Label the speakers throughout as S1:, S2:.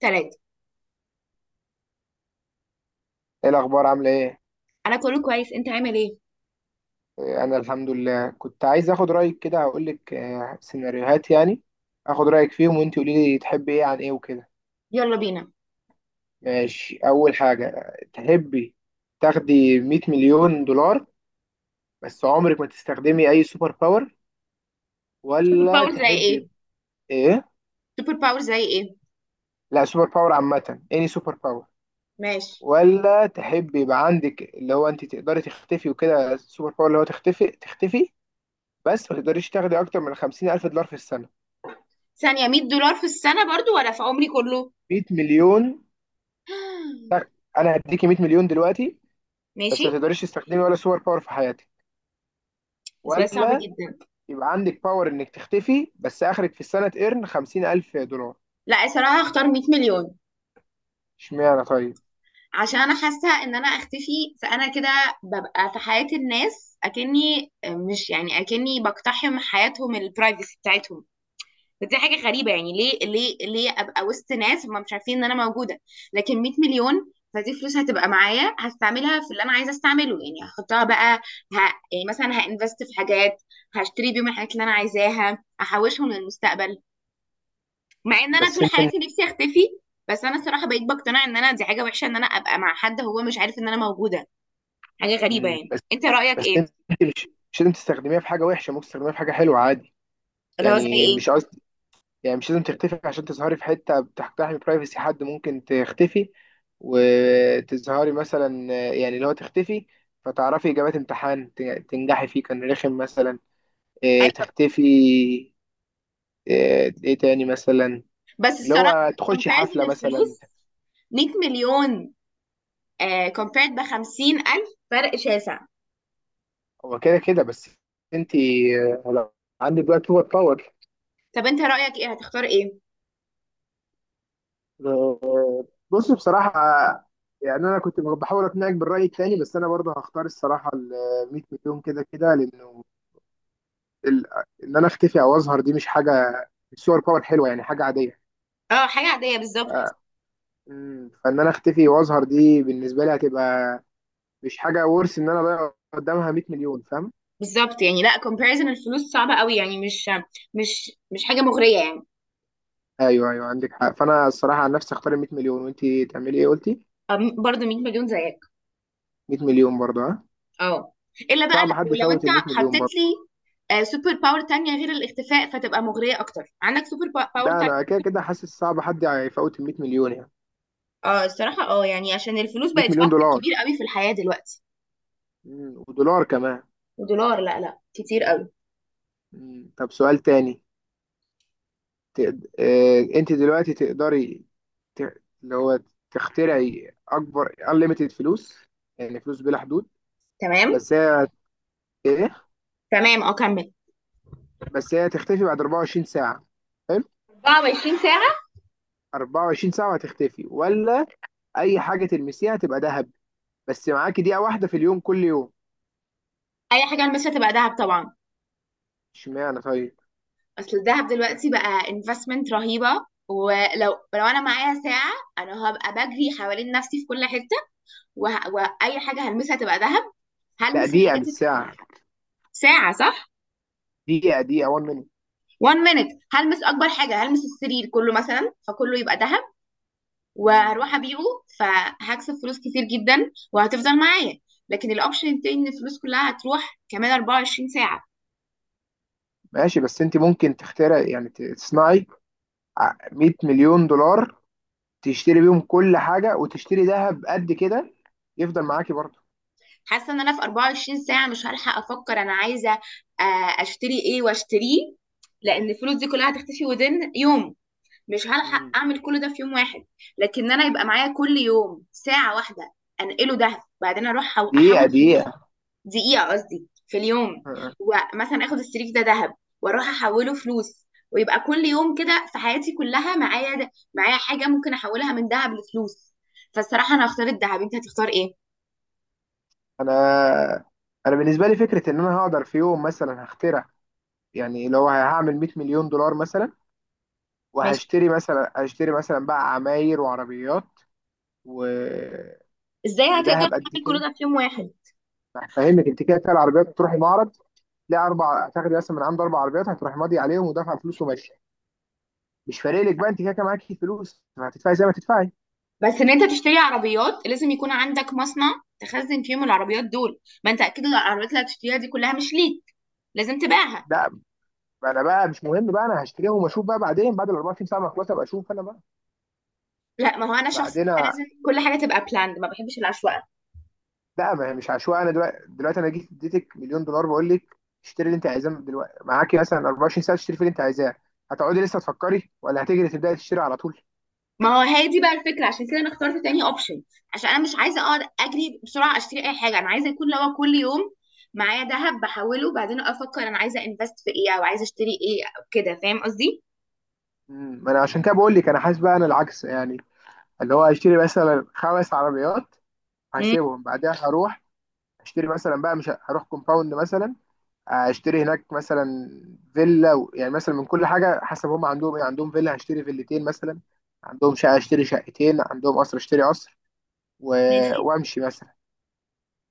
S1: ثلاثة.
S2: ايه الاخبار؟ عامله ايه؟
S1: أنا كله كويس، أنت عامل إيه؟
S2: انا الحمد لله. كنت عايز اخد رايك كده، هقول لك سيناريوهات يعني، اخد رايك فيهم وانت قولي لي تحبي ايه عن ايه وكده.
S1: يلا بينا.
S2: ماشي، اول حاجه، تحبي تاخدي 100 مليون دولار بس عمرك ما تستخدمي اي سوبر باور،
S1: سوبر
S2: ولا
S1: باور زي إيه؟
S2: تحبي ايه؟
S1: سوبر باور زي إيه؟
S2: لا، سوبر باور عامه، اني سوبر باور.
S1: ماشي.
S2: ولا تحبي يبقى عندك اللي هو انت تقدري تختفي وكده، السوبر باور اللي هو تختفي تختفي، بس ما تقدريش تاخدي اكتر من 50 الف دولار في السنه.
S1: ثانية، 100 دولار في السنة برضو ولا في عمري كله؟
S2: 100 مليون. تك. انا هديكي 100 مليون دلوقتي بس
S1: ماشي.
S2: ما تقدريش تستخدمي ولا سوبر باور في حياتك،
S1: بس سؤال صعب
S2: ولا
S1: جدا.
S2: يبقى عندك باور انك تختفي بس اخرك في السنه تقرن 50000 دولار.
S1: لا صراحة هختار 100 مليون.
S2: اشمعنى طيب؟
S1: عشان أنا حاسة إن أنا أختفي فأنا كده ببقى في حياة الناس أكني مش يعني أكني بقتحم حياتهم البرايفسي بتاعتهم. فدي حاجه غريبه يعني، ليه ليه ليه ابقى وسط ناس هم مش عارفين ان انا موجوده. لكن 100 مليون، فدي فلوس هتبقى معايا هستعملها في اللي انا عايزه استعمله. يعني هحطها بقى ه... يعني مثلا هانفست في حاجات، هشتري بيهم الحاجات اللي انا عايزاها، احوشهم للمستقبل. مع ان انا
S2: بس
S1: طول
S2: انت
S1: حياتي نفسي اختفي، بس انا الصراحه بقيت بقتنع ان انا دي حاجه وحشه، ان انا ابقى مع حد هو مش عارف ان انا موجوده. حاجه غريبه
S2: مم،
S1: يعني،
S2: بس
S1: انت رايك
S2: بس
S1: ايه؟
S2: انت مش مش لازم تستخدميها في حاجه وحشه، ممكن تستخدميها في حاجه حلوه عادي.
S1: اللي هو زي
S2: يعني
S1: ايه؟
S2: مش قصدي، يعني مش لازم تختفي عشان تظهري في حته بتحترمي برايفسي حد. ممكن تختفي وتظهري مثلا، يعني اللي هو تختفي فتعرفي اجابات امتحان تنجحي فيه كان رخم مثلا.
S1: ايوه،
S2: تختفي. ايه إيه تاني مثلا؟
S1: بس
S2: اللي
S1: الصراحه
S2: هو تخشي
S1: comparison
S2: حفلة مثلا.
S1: الفلوس، 100 مليون كومبيرد ب 50000، فرق شاسع.
S2: هو كده كده، بس انت لو عندك بقى سوبر باور.
S1: طب انت رأيك ايه، هتختار ايه؟
S2: آه، بص بصراحة، يعني انا كنت بحاول اقنعك بالرأي التاني، بس انا برضه هختار الصراحة ال 100 مليون، كده كده لانه ال- ان انا اختفي او اظهر دي مش حاجة، مش سوبر باور حلوة، يعني حاجة عادية.
S1: اه حاجة عادية بالظبط.
S2: آه، فان انا اختفي واظهر دي بالنسبة لي هتبقى مش حاجة ورث ان انا اضيع قدامها 100 مليون، فاهم؟
S1: بالظبط، يعني لا، comparison الفلوس صعبة قوي، يعني مش حاجة مغرية يعني.
S2: ايوه ايوه، عندك حق، فانا الصراحه عن نفسي اختار ال 100 مليون. وانت تعملي ايه قلتي؟
S1: برضه 100 مليون زيك.
S2: 100 مليون برضه؟ ها،
S1: اه. الا بقى،
S2: صعب
S1: لو
S2: حد
S1: لو انت
S2: يفوت ال 100 مليون
S1: حطيت
S2: برضه،
S1: لي سوبر باور تانية غير الاختفاء فتبقى مغرية اكتر، عندك سوبر باور
S2: ده
S1: تانية؟
S2: انا كده كده حاسس صعب حد يفوت ال 100 مليون يعني.
S1: اه الصراحة، اه يعني عشان الفلوس
S2: 100
S1: بقت
S2: مليون
S1: فاكتور
S2: دولار.
S1: كبير قوي في الحياة دلوقتي.
S2: ودولار كمان.
S1: ودولار، لا لا، كتير قوي.
S2: طب سؤال تاني. انت دلوقتي تقدري ت... اللي هو تخترعي اكبر unlimited فلوس، يعني فلوس بلا حدود،
S1: تمام.
S2: بس هي ايه،
S1: تمام اه، كمل.
S2: بس هي تختفي بعد 24 ساعه. حلو.
S1: 24 ساعة.
S2: 24 ساعه هتختفي، ولا اي حاجه تلمسيها تبقى ذهب بس معاكي دقيقة واحدة في اليوم كل يوم؟
S1: اي حاجة البسها تبقى دهب طبعا.
S2: اشمعنى طيب؟
S1: اصل الذهب دلوقتي بقى investment رهيبة. ولو انا معايا ساعة، انا هبقى بجري حوالين نفسي في كل حتة، وه... واي حاجة هلمسها تبقى ذهب.
S2: لا،
S1: هلمس
S2: دقيقة
S1: الحاجات.
S2: بالساعة.
S1: ساعة صح؟
S2: دقيقة 1 مينيت.
S1: 1 minute. هلمس اكبر حاجة، هلمس السرير كله مثلا فكله يبقى ذهب، وهروح ابيعه، فهكسب فلوس كتير جدا وهتفضل معايا. لكن الاوبشن التاني ان الفلوس كلها هتروح كمان 24 ساعة.
S2: ماشي، بس انت ممكن تخترع، يعني تصنعي 100 مليون دولار تشتري بيهم كل حاجة وتشتري ذهب قد كده، يفضل معاكي برضه.
S1: حاسه ان انا في 24 ساعه مش هلحق افكر انا عايزه اشتري ايه واشتريه، لان الفلوس دي كلها هتختفي وذن يوم. مش هلحق
S2: مم.
S1: اعمل كل ده في يوم واحد. لكن انا يبقى معايا كل يوم ساعه واحده، انقله ده، بعدين اروح احول
S2: دقيقة
S1: فلوس.
S2: دقيقة
S1: دقيقه قصدي، في اليوم.
S2: آه.
S1: ومثلا اخد السريك ده ذهب واروح احوله فلوس، ويبقى كل يوم كده في حياتي كلها معايا ده، معايا حاجه ممكن احولها من ذهب لفلوس. فالصراحه انا هختار الذهب، انت هتختار ايه؟
S2: انا انا بالنسبة لي فكرة ان انا هقدر في يوم مثلا هخترع، يعني لو هعمل 100 مليون دولار مثلا وهشتري مثلا، هشتري مثلا بقى عماير وعربيات و...
S1: ازاي هتقدر
S2: وذهب قد
S1: تعمل كل
S2: كده.
S1: ده في يوم واحد؟
S2: فاهمك، انت كده كده العربيات بتروحي معرض تلاقي اربع، هتاخدي مثلا من عنده اربع عربيات، هتروحي ماضي عليهم ودافعه فلوس وماشيه. مش فارق لك بقى، انت كده كده معاكي فلوس، ما هتدفعي زي ما تدفعي.
S1: بس ان انت تشتري عربيات لازم يكون عندك مصنع تخزن فيهم العربيات دول. ما انت اكيد العربيات اللي هتشتريها دي كلها مش ليك، لازم تبيعها.
S2: لا انا بقى مش مهم، بقى انا هشتريهم واشوف بقى بعدين، بعد ال 24 ساعه ما اخلص ابقى اشوف انا بقى.
S1: لا ما هو انا شخص
S2: بعدين
S1: بقى
S2: أ-
S1: لازم كل حاجه تبقى بلاند، ما بحبش العشوائيه.
S2: لا ما هي مش عشوائي، انا دلوقتي، انا جيت اديتك مليون دولار، بقول لك اشتري اللي انت عايزاه. من دلوقتي معاكي مثلا 24 ساعه تشتري في اللي انت عايزاه، هتقعدي لسه تفكري ولا هتجري تبداي تشتري على طول؟
S1: ما هو هي دي بقى الفكره، عشان كده انا اخترت تاني اوبشن، عشان انا مش عايزه اقعد اجري بسرعه اشتري اي حاجه انا عايزه، يكون لو كل يوم معايا ذهب بحوله وبعدين افكر انا عايزه انفست في ايه او عايزه اشتري ايه او كده، فاهم قصدي؟
S2: ما انا عشان كده بقول لك، انا حاسس بقى انا العكس يعني، اللي هو هيشتري مثلا خمس عربيات،
S1: مم،
S2: هسيبهم بعدها هروح اشتري مثلا بقى، مش هروح كومباوند مثلا، اشتري هناك مثلا فيلا يعني مثلا من كل حاجه حسب هم عندهم ايه، عندهم فيلا هشتري فيلتين مثلا، عندهم شقه اشتري شقتين، عندهم قصر اشتري قصر و...
S1: ماشي.
S2: وامشي مثلا.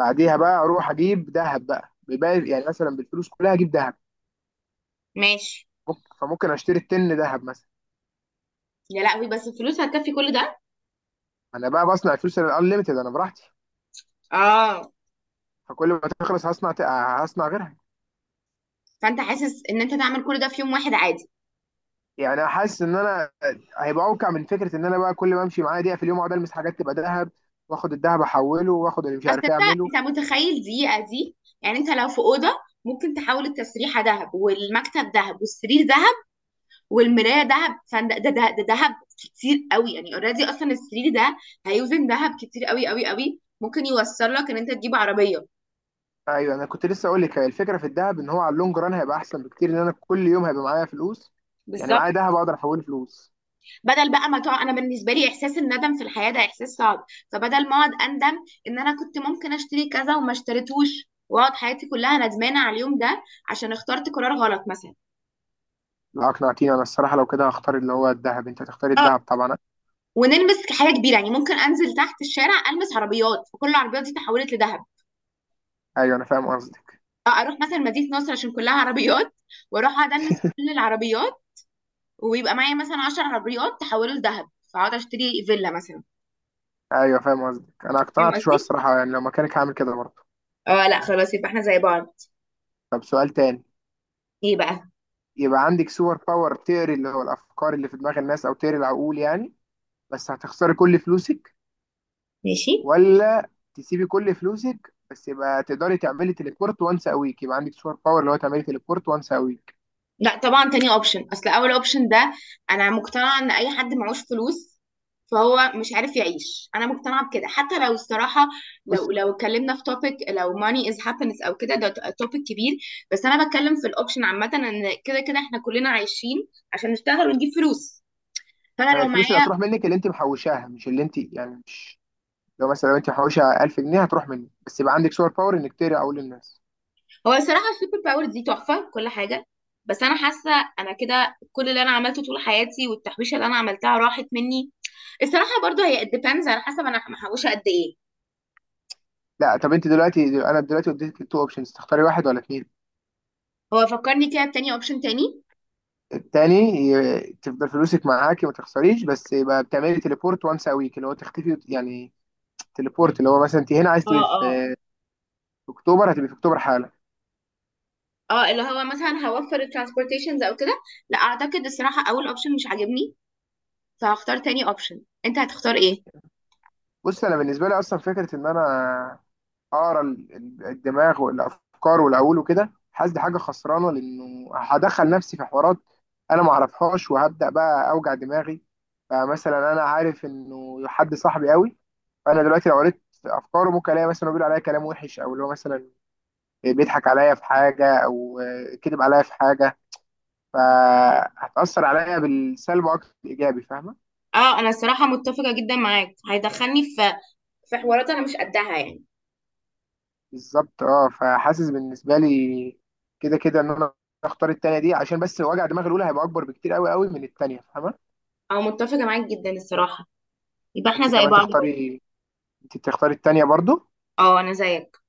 S2: بعديها بقى اروح اجيب ذهب بقى، بيبقى يعني مثلا بالفلوس كلها اجيب ذهب.
S1: ماشي.
S2: فممكن اشتري التن ذهب مثلا.
S1: يا لهوي، بس الفلوس هتكفي كل ده؟
S2: انا بقى بصنع الفلوس الانليمتد انا براحتي،
S1: اه.
S2: فكل ما تخلص هصنع غيرها.
S1: فانت حاسس ان انت تعمل كل ده في يوم واحد عادي؟
S2: يعني حاسس ان انا هيبقى اوقع من فكره ان انا بقى كل ما امشي معايا دقيقه في اليوم اقعد المس حاجات تبقى ذهب، واخد الذهب احوله، واخد اللي مش
S1: بس
S2: عارف
S1: انت،
S2: ايه اعمله.
S1: انت متخيل دقيقه دي؟ يعني انت لو في اوضه ممكن تحول التسريحه ذهب، والمكتب ذهب، والسرير ذهب، والمرايه ذهب، فده ده ده ده ذهب كتير قوي يعني. اوريدي اصلا السرير ده هيوزن ذهب كتير قوي قوي قوي، ممكن يوصل لك ان انت تجيب عربيه.
S2: ايوه انا كنت لسه اقول لك، هي الفكره في الذهب ان هو على اللونج ران هيبقى احسن بكتير، ان انا كل يوم هيبقى معايا فلوس، يعني
S1: بالظبط.
S2: معايا ذهب اقدر احوله فلوس.
S1: بدل بقى ما تقعد، انا بالنسبه لي احساس الندم في الحياه ده احساس صعب، فبدل ما اقعد اندم ان انا كنت ممكن اشتري كذا وما اشتريتوش واقعد حياتي كلها ندمانه على اليوم ده عشان اخترت قرار غلط مثلا.
S2: لا اقنعتيني انا الصراحه، لو كده هختار اللي هو الذهب. انت هتختاري
S1: اه.
S2: الذهب طبعا.
S1: ونلبس حاجه كبيره يعني، ممكن انزل تحت الشارع البس عربيات وكل العربيات دي تحولت لذهب.
S2: ايوه انا فاهم قصدك.
S1: أو اروح مثلا مدينه نصر عشان كلها عربيات، واروح اقعد البس كل العربيات، ويبقى معايا مثلا 10 عربيات تحولوا لذهب، فاقعد اشتري فيلا مثلا.
S2: ايوه فاهم قصدك، انا
S1: فاهم
S2: اقتنعت شويه
S1: قصدي؟
S2: الصراحه، يعني لو مكانك هعمل كده برضه.
S1: اه لا خلاص يبقى احنا زي بعض.
S2: طب سؤال تاني.
S1: ايه بقى؟
S2: يبقى عندك سوبر باور تقري اللي هو الافكار اللي في دماغ الناس، او تقري العقول يعني، بس هتخسري كل فلوسك،
S1: ماشي.
S2: ولا تسيبي كل فلوسك بس يبقى تقدري تعملي تليبورت وانس ا ويك، يبقى عندك سوبر باور اللي هو تعملي تليبورت وانس ا ويك.
S1: لا طبعا تاني اوبشن. اصل اول اوبشن ده، انا مقتنعه ان اي حد معهوش فلوس فهو مش عارف يعيش، انا مقتنعه بكده. حتى لو الصراحه،
S2: بص
S1: لو اتكلمنا في توبيك لو money is happiness او كده، ده توبيك كبير. بس انا بتكلم في الاوبشن عامه، ان كده كده احنا كلنا عايشين عشان نشتغل ونجيب فلوس. فانا
S2: هي
S1: لو
S2: الفلوس اللي
S1: معايا.
S2: هتروح منك اللي انت محوشاها، مش اللي انت يعني مش، لو مثلا لو انت محوشه 1000 جنيه هتروح منك، بس يبقى عندك سوبر باور انك تقري عقول الناس.
S1: هو الصراحه السوبر باور دي تحفه كل حاجه، بس انا حاسه انا كده كل اللي انا عملته طول حياتي والتحويشه اللي انا عملتها راحت مني. الصراحه برضو هي it depends على حسب انا محوشه قد ايه.
S2: لا طب انت دلوقتي، انا دلوقتي اديتك تو اوبشنز، تختاري واحد ولا اتنين؟
S1: هو فكرني كده بتاني اوبشن تاني.
S2: التاني. تفضل فلوسك معاكي ما تخسريش، بس يبقى بتعملي تليبورت وانس ا ويك، اللي هو تختفي يعني، تليبورت اللي هو مثلا انت هنا عايز
S1: اه
S2: تبقي
S1: اه.
S2: في، في اكتوبر هتبقي في اكتوبر حالا.
S1: اه اللي هو مثلا هوفر الترانسبورتيشنز او كده. لا اعتقد الصراحه اول اوبشن مش عاجبني، فهختار تاني اوبشن. انت هتختار ايه؟
S2: بص انا بالنسبه لي اصلا فكره ان انا اقرا الدماغ والافكار والعقول وكده، حاسس دي حاجه خسرانه، لانه هدخل نفسي في حوارات انا ما اعرفهاش وهبدا بقى اوجع دماغي. فمثلا انا عارف انه حد صاحبي قوي، فانا دلوقتي لو قريت افكاره ممكن الاقي مثلا هو بيقول عليا كلام وحش، او اللي هو مثلا بيضحك عليا في حاجه، او كذب عليا في حاجه، فهتاثر عليا بالسلب اكتر من الايجابي، فاهمه؟
S1: اه انا الصراحه متفقه جدا معاك، هيدخلني في حوارات انا مش قدها يعني.
S2: بالظبط. اه فحاسس بالنسبه لي كده كده ان انا اختار التانية دي، عشان بس وجع دماغ الاولى هيبقى اكبر بكتير قوي قوي من التانية، فاهمه؟
S1: او متفقه معاك جدا الصراحه، يبقى احنا
S2: انت
S1: زي
S2: كمان
S1: بعض برضه.
S2: تختاري، انت تختاري التانية برضو.
S1: اه انا زيك.